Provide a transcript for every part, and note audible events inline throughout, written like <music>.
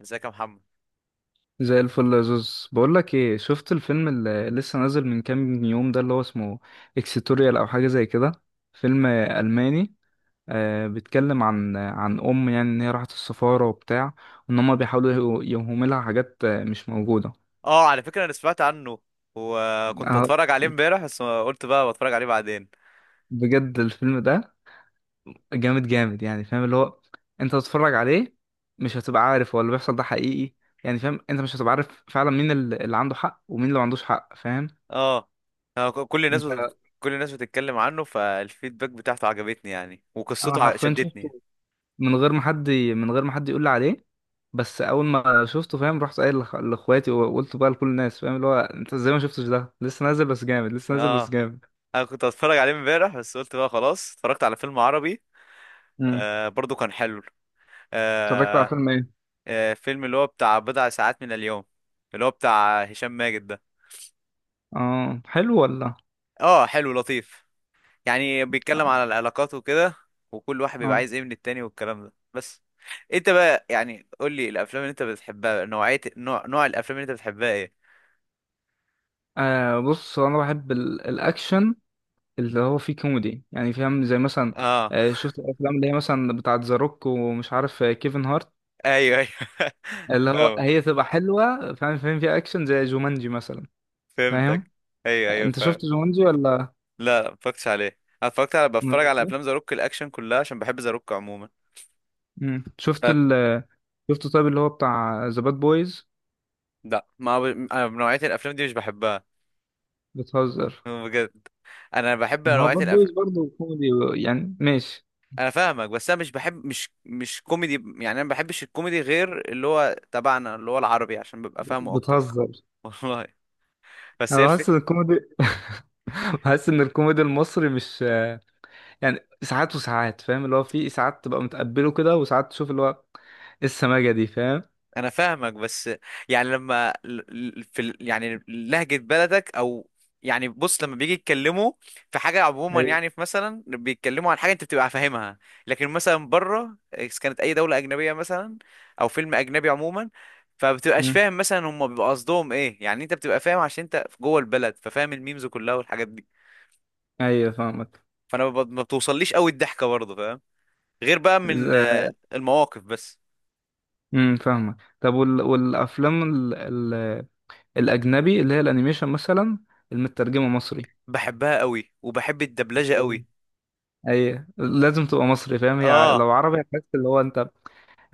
ازيك يا محمد؟ زي الفل يا زوز. بقول لك ايه، شفت الفيلم اللي لسه نازل من كام يوم ده؟ اللي هو اسمه اكسيتوريال او حاجه زي كده، فيلم الماني. بيتكلم عن يعني ان هي راحت السفاره وبتاع، وان هم بيحاولوا يوهموا لها حاجات مش موجوده. اه، على فكرة انا سمعت عنه وكنت آه هتفرج عليه امبارح بس قلت بقى بتفرج عليه بعدين. بجد الفيلم ده جامد جامد، يعني فاهم اللي هو انت تتفرج عليه مش هتبقى عارف هو اللي بيحصل ده حقيقي، يعني فاهم انت مش هتبقى عارف فعلا مين اللي عنده حق ومين اللي ما عندوش حق، فاهم اه. آه، ك- كل الناس انت؟ بت... كل الناس بتتكلم عنه، فالفيدباك بتاعته عجبتني يعني، انا وقصته حرفيا شدتني. شفته من غير ما حد يقول لي عليه، بس اول ما شفته فاهم رحت قايل لاخواتي، وقلت بقى لكل الناس، فاهم اللي هو انت ازاي ما شفتش ده؟ لسه نازل بس جامد، لسه نازل بس اه، جامد. انا كنت هتفرج عليه امبارح بس قلت بقى خلاص، اتفرجت على فيلم عربي. امم آه برضو كان حلو. اتفرجت على آه. فيلم ايه؟ آه، فيلم اللي هو بتاع بضع ساعات من اليوم، اللي هو بتاع هشام ماجد ده. اه حلو ولا؟ اه حلو، لطيف يعني، بيتكلم على العلاقات وكده، وكل واحد بيبقى اه. عايز ايه من التاني والكلام ده بس. انت بقى يعني قول لي الافلام اللي انت بتحبها، نوعية نوع الافلام اللي انت بتحبها ايه؟ بص، هو انا بحب الاكشن اللي هو فيه كوميدي، يعني فاهم زي مثلا، اه. شفت الافلام اللي هي مثلا بتاعه ذا روك ومش عارف كيفن هارت؟ <laughs> ايوه ايوه. <laughs> اللي هو فاهمك. هي تبقى حلوه، فاهم فيها اكشن زي جومانجي مثلا، فاهم؟ فهمتك، ايوه ايوه انت فاهم. شفت جومانجي ولا؟ لا لا، ما اتفرجتش عليه. انا اتفرجت على بتفرج على افلام ذا روك الاكشن كلها، عشان بحب ذا روك عموما. مم. شفت ف ال شفت طيب اللي هو بتاع ذا باد بويز؟ لا ما ب... أنا نوعية الافلام دي مش بحبها، بتهزر. بجد. انا بحب ده هو نوعية باد الأف... بويز برضه كوميدي، يعني ماشي. انا فاهمك بس انا مش بحب، مش كوميدي يعني، انا ما بحبش الكوميدي غير اللي هو تبعنا اللي هو العربي، عشان ببقى فاهمه اكتر. بتهزر. <laughs> والله، بس هي انا بحس ان الفكره. الكوميدي <laughs> بحس ان الكوميدي المصري مش، يعني ساعات وساعات، فاهم اللي هو في ساعات تبقى متقبله كده وساعات تشوف اللي هو إيه، السماجة دي، فاهم؟ انا فاهمك بس، يعني يعني لهجه بلدك او يعني بص، لما بيجي يتكلموا في حاجه عموما، ايوه. يعني في مثلا بيتكلموا عن حاجه انت بتبقى فاهمها. لكن مثلا بره، إذا كانت اي دوله اجنبيه مثلا او فيلم اجنبي عموما، فبتبقاش مم. فاهم مثلا هم بيبقى قصدهم ايه. يعني انت بتبقى فاهم عشان انت جوه البلد، ففاهم الميمز كلها والحاجات دي. ايوه فاهمك. فانا ما بتوصليش قوي الضحكه برضه، فاهم؟ غير بقى من ز- المواقف بس. فاهمك. طب والافلام ال... الاجنبي اللي هي الانيميشن مثلا، المترجمه مصري؟ بحبها قوي وبحب الدبلجه قوي. اي لازم تبقى مصري، فاهم، هي اه، لو عربي هتحس اللي هو انت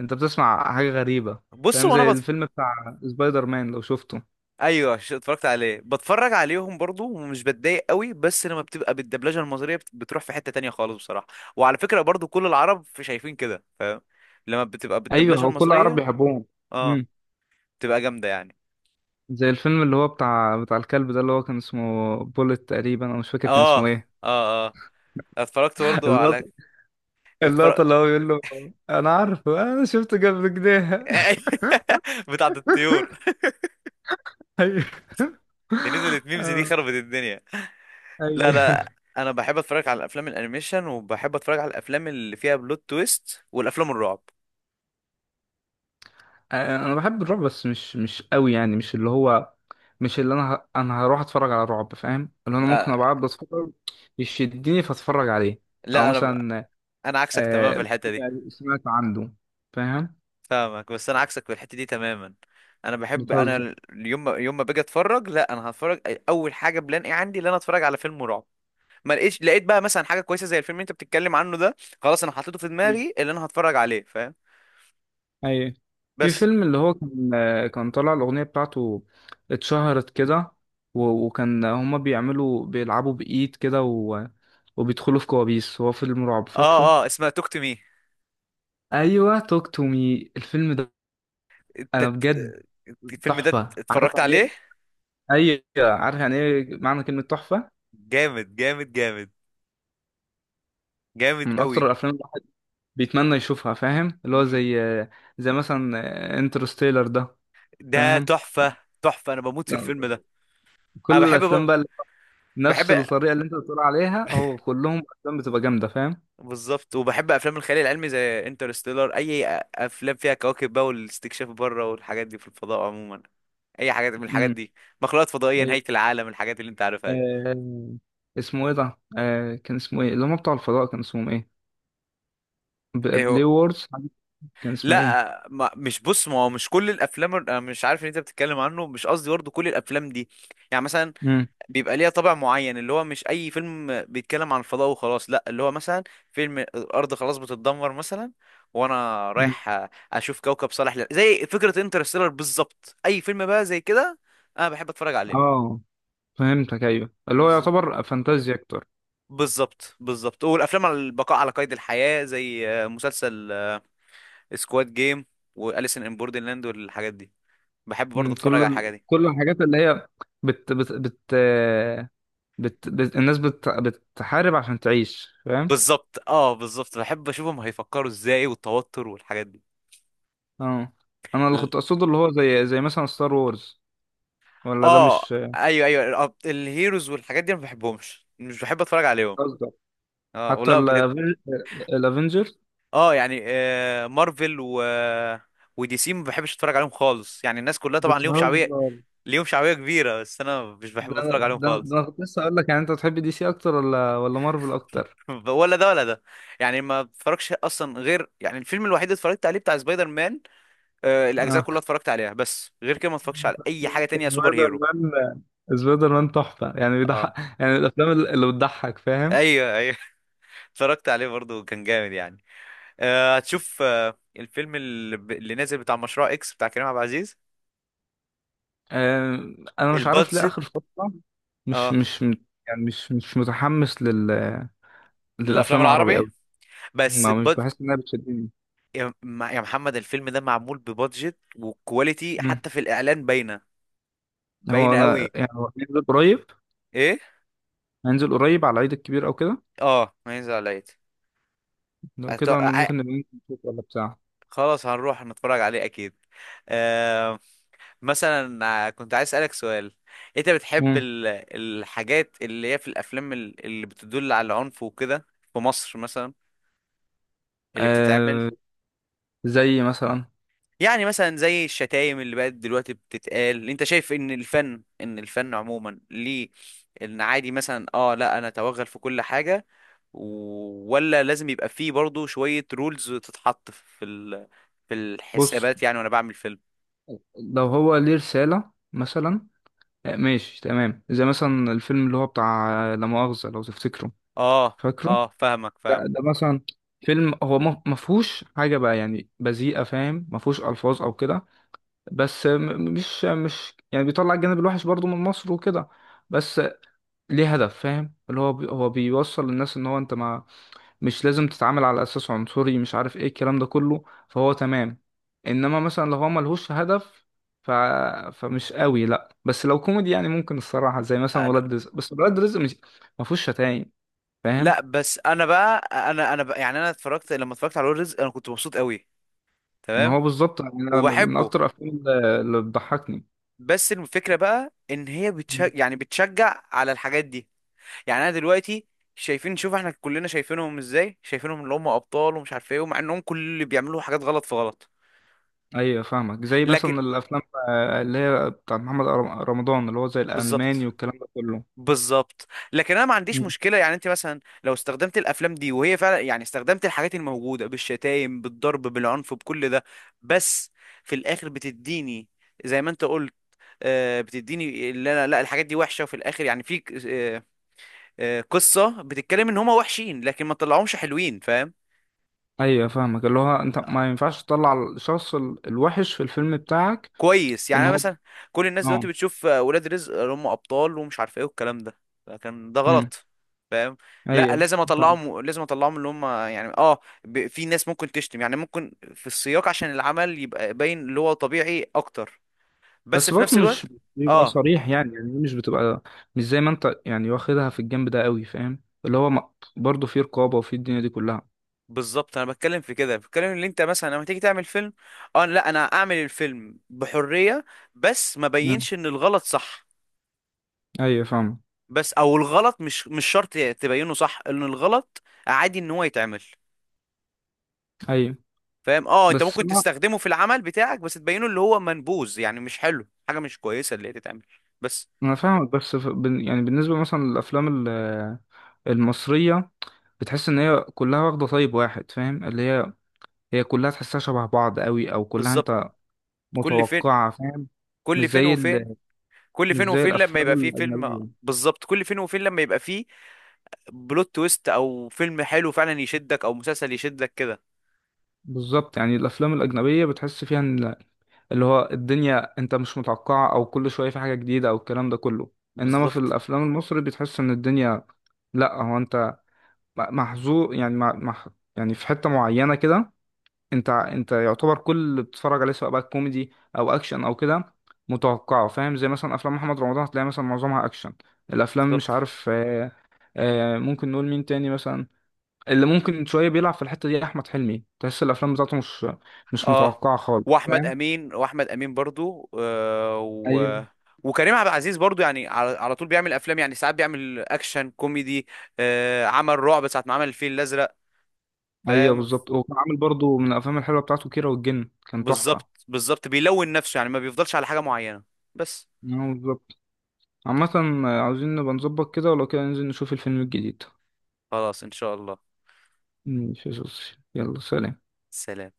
انت بتسمع حاجه غريبه، بص فاهم؟ وانا زي بتف... الفيلم بتاع سبايدر مان لو شفته. ايوه، اتفرجت عليه، بتفرج عليهم برضو ومش بتضايق قوي، بس لما بتبقى بالدبلجه المصريه بتروح في حته تانية خالص بصراحه. وعلى فكره برضو كل العرب في شايفين كده، فاهم؟ لما بتبقى ايوه بالدبلجه هو كل العرب المصريه. بيحبوهم. اه، امم بتبقى جامده يعني. زي الفيلم اللي هو بتاع الكلب ده، اللي هو كان اسمه بولت تقريبا، انا مش فاكر كان اه، اسمه ايه. اه، اه، اتفرجت <laughs> برضو على. اللقطه اللقطه اتفرج. اللي هو بيقول له، انا عارفه، انا شفته قبل كده. <laughs> <laughs> بتاعت الطيور. ايوه. <laughs> دي نزلت <laughs> ميمز، دي آه، خربت الدنيا. لا ايوه. لا، انا بحب اتفرج على الافلام الانيميشن، وبحب اتفرج على الافلام اللي فيها بلوت تويست، والافلام الرعب. انا بحب الرعب بس مش قوي، يعني مش اللي هو، مش اللي انا انا هروح اتفرج على رعب، فاهم، اللي انا ممكن لا، ابقى قاعد بتفرج يشدني فاتفرج عليه، او لا انا ب- مثلا انا عكسك تماما في آه الحته دي. يعني سمعت عنده، فاهم. فاهمك بس انا عكسك في الحته دي تماما. انا بحب، بتهزر. يوم ما باجي اتفرج، لا انا هتفرج. اول حاجه بلان ايه عندي، ان انا اتفرج على فيلم رعب. ما لقيتش، لقيت بقى مثلا حاجه كويسه زي الفيلم اللي انت بتتكلم عنه ده، خلاص انا حطيته في مم. دماغي اللي انا هتفرج عليه، فاهم؟ ايوه. في بس. فيلم اللي هو كان طالع الاغنيه بتاعته، اتشهرت كده، و... وكان هما بيلعبوا بايد كده، وبيدخلوا في كوابيس، هو فيلم رعب، اه فاكره؟ اه، اسمها توك تو مي. ايوه توك تو مي، الفيلم ده انت انا بجد ت- الفيلم ده تحفه، عارف اتفرجت يعني ايه؟ عليه. ايوه عارف يعني ايه معنى كلمه تحفه. جامد جامد، جامد من اكتر قوي. الافلام اللي الواحد بيتمنى يشوفها، فاهم اللي هو مم. زي مثلا انترستيلر ده، ده فاهم. تحفة. تحفة، انا بموت في لا، الفيلم ده. انا كل بحب الافلام بر... بقى نفس بحب. الطريقه اللي انت بتقول عليها، هو كلهم افلام بتبقى جامده، فاهم. بالظبط، وبحب افلام الخيال العلمي زي انترستيلر، افلام فيها كواكب بقى والاستكشاف بره والحاجات دي في الفضاء عموما. اي حاجات من الحاجات امم دي، مخلوقات فضائية، ايوه. نهاية العالم، الحاجات اللي انت عارفها دي. آه، اسمه ايه ده؟ كان اسمه ايه اللي هم بتوع الفضاء، كان اسمهم ايه؟ ايه بلاي هو؟ وورز، كان اسمها ايه؟ لا، ما مش بص، ما هو مش كل الافلام، انا مش عارف ان انت بتتكلم عنه، مش قصدي برضه كل الافلام دي. يعني مثلا امم بيبقى ليها طابع معين، اللي هو مش اي فيلم بيتكلم عن الفضاء وخلاص لا، اللي هو مثلا فيلم الارض خلاص بتتدمر مثلا، وانا امم رايح اشوف كوكب صالح لل... زي فكرة انترستيلر بالظبط، اي فيلم بقى زي كده انا بحب اتفرج عليه. اه فهمتك، ايوه اللي هو بالظبط يعتبر فانتازيا. بالظبط بالظبط، والافلام على البقاء على قيد الحياة زي مسلسل سكواد جيم، واليسن ان بوردرلاند والحاجات دي، بحب برضه اتفرج على الحاجات دي. كل الحاجات اللي هي بت بت بت بت, بت الناس بتحارب عشان تعيش، فاهم. بالظبط، اه بالظبط، بحب اشوفهم هيفكروا ازاي والتوتر والحاجات اه انا اللي دي. كنت اقصده اللي هو زي مثلا ستار وورز، ولا ده اه مش ايوه ايوه، الهيروز والحاجات دي أنا ما بحبهمش، مش بحب اتفرج عليهم. قصدك؟ اه، حتى ولا بجد. الافنجر؟ اه يعني مارفل و ودي سي ما بحبش اتفرج عليهم خالص، يعني الناس كلها طبعا ليهم بتهزر. شعبيه، ليهم شعبيه كبيره، بس انا مش بحب ده اتفرج عليهم ده خالص. انا كنت لسه اقول لك، يعني انت بتحب دي سي اكتر ولا مارفل اكتر؟ <laughs> ولا ده ولا ده، يعني ما اتفرجش اصلا غير يعني الفيلم الوحيد اللي اتفرجت عليه بتاع سبايدر مان. آه الاجزاء اه كلها اتفرجت عليها، بس غير كده ما اتفرجتش على اي حاجه تانية سوبر سبايدر هيرو. مان. سبايدر مان تحفه يعني بيضحك، اه يعني الافلام اللي بتضحك، فاهم. ايوه ايوه. <laughs> اتفرجت عليه برضه كان جامد يعني. هتشوف الفيلم اللي نازل بتاع مشروع اكس بتاع كريم عبد العزيز، آه، انا مش عارف ليه البادجت. اخر فتره مش اه، مش مت- يعني مش متحمس للافلام للأفلام العربي العربي، أوي، بس ما مش بد... بحس إنها بتشدني. يا يا محمد الفيلم ده معمول ببادجت وكواليتي، مم. حتى في الاعلان باينه، هو باينه أنا قوي. يعني هو هينزل قريب، ايه؟ هينزل قريب على العيد الكبير أو كده، اه، ميز عليا. لو أت... كده أنا ع- ممكن نبقى ننزل نشوف ولا بتاع. خلاص هنروح نتفرج عليه اكيد. آه... مثلا كنت عايز اسالك سؤال. انت بتحب مم. ال... الحاجات اللي هي في الافلام اللي بتدل على العنف وكده، في مصر مثلا اللي بتتعمل. آه، زي مثلا، يعني مثلا زي الشتايم اللي بقت دلوقتي بتتقال، انت شايف ان الفن عموما ليه، ان عادي مثلا اه، لا انا اتوغل في كل حاجة، ولا لازم يبقى فيه برضو شوية رولز تتحط في ال... في بص الحسابات يعني وانا بعمل فيلم؟ لو هو ليه رسالة مثلا، آه ماشي تمام، زي مثلا الفيلم اللي هو بتاع لا مؤاخذة، لو تفتكره، اه فاكره؟ اه، فاهمك ده, فاهمك ده مثلا فيلم هو ما فيهوش حاجة بقى يعني بذيئة، فاهم، ما فيهوش ألفاظ أو كده، بس مش يعني بيطلع الجانب الوحش برضو من مصر وكده، بس ليه هدف، فاهم اللي هو هو بيوصل للناس ان هو انت ما، مش لازم تتعامل على اساس عنصري، مش عارف ايه الكلام ده كله، فهو تمام. انما مثلا لو هو ملهوش هدف ف... فمش قوي، لا بس لو كوميدي يعني ممكن الصراحة، زي مثلا انا ولاد رزق، بس ولاد رزق مش ما فيهوش شتايم، فاهم. لا بس انا بقى يعني انا اتفرجت، لما اتفرجت على اول رزق انا كنت مبسوط قوي، ما تمام، هو بالظبط، يعني أنا من وبحبه. اكتر الافلام اللي بتضحكني. بس الفكرة بقى ان هي بتشجع يعني بتشجع على الحاجات دي، يعني انا دلوقتي شايفين، شوف احنا كلنا شايفينهم ازاي، شايفينهم اللي هم ابطال ومش عارف ايه، ومع انهم كل اللي بيعملوا حاجات غلط في غلط. ايوه فاهمك، زي لكن مثلا الافلام اللي هي بتاع محمد رمضان، اللي هو زي بالظبط الالماني والكلام ده كله. بالظبط لكن انا ما عنديش مم. مشكله، يعني انت مثلا لو استخدمت الافلام دي وهي فعلا يعني استخدمت الحاجات الموجوده بالشتايم بالضرب بالعنف بكل ده، بس في الاخر بتديني زي ما انت قلت، بتديني اللي انا، لا الحاجات دي وحشه، وفي الاخر يعني في ك- آه، قصه بتتكلم ان هما وحشين لكن ما طلعهمش حلوين، فاهم؟ ايوه فاهمك، اللي هو انت ما ينفعش تطلع الشخص الوحش في الفيلم بتاعك كويس، يعني ان انا هو. مثلا كل الناس اه. دلوقتي بتشوف ولاد رزق اللي هم ابطال ومش عارف ايه والكلام ده، لكن ده امم غلط، فاهم؟ لا ايوه لازم فاهم. اطلعهم، اللي هم يعني اه في ناس ممكن تشتم يعني، ممكن في السياق عشان العمل يبقى باين اللي هو طبيعي اكتر، بس بس في برضه نفس مش الوقت بيبقى اه. صريح يعني مش بتبقى مش زي ما انت يعني واخدها في الجنب ده قوي، فاهم اللي هو برضه في رقابه وفي الدنيا دي كلها. بالظبط، انا بتكلم في كده، بتكلم اللي انت مثلا لما تيجي تعمل فيلم، اه لا انا اعمل الفيلم بحرية، بس ما مم. بينش ان الغلط صح. ايوه فاهمك. بس او الغلط مش شرط تبينه صح ان الغلط عادي ان هو يتعمل، ايوه فاهم؟ اه انت بس ممكن انا تستخدمه في العمل بتاعك بس تبينه اللي هو منبوذ، يعني مش حلو، حاجه مش كويسه اللي هي تتعمل. بس. انا فاهمك، بس يعني بالنسبه مثلا للافلام المصريه، بتحس ان هي كلها واخده طيب واحد، فاهم، اللي هي كلها تحسها شبه بعض قوي او كلها بالظبط. انت كل فين، متوقعه، فاهم. مش كل فين زي وفين ال... كل مش فين زي وفين لما الافلام يبقى فيه فيلم، الاجنبيه. بالظبط، كل فين وفين لما يبقى فيه بلوت تويست او فيلم حلو فعلا يشدك، او مسلسل يشدك كده. بالظبط، يعني الافلام الاجنبيه بتحس فيها ان اللي هو الدنيا انت مش متوقعه، او كل شويه في حاجه جديده او الكلام ده كله. انما في بالظبط. الافلام المصري بتحس ان الدنيا، لا هو انت محظوظ يعني يعني في حته معينه كده. انت يعتبر كل اللي بتتفرج عليه سواء بقى كوميدي او اكشن او كده متوقعه، فاهم، زي مثلا افلام محمد رمضان هتلاقي مثلا معظمها اكشن، الافلام مش بالظبط. عارف ممكن نقول مين تاني مثلا اللي ممكن شويه بيلعب في الحته دي؟ احمد حلمي تحس الافلام بتاعته مش اه، متوقعه خالص، واحمد فاهم. امين واحمد امين برضو آه، ايوه. و... وكريم عبد العزيز برضو يعني، على طول بيعمل افلام، يعني ساعات بيعمل اكشن كوميدي، آه عمل رعب ساعه ما عمل الفيل الازرق، ايوه فاهم؟ بالظبط، وكان عامل برضو من الافلام الحلوه بتاعته كيرة والجن، كان تحفه. بالظبط، بيلون نفسه يعني، ما بيفضلش على حاجه معينه. بس. ايوه بالظبط. عامه عاوزين نبقى نظبط كده، ولو كده ننزل نشوف الفيلم الجديد. خلاص ان شاء الله. ماشي يا صوصي. يلا سلام. سلام.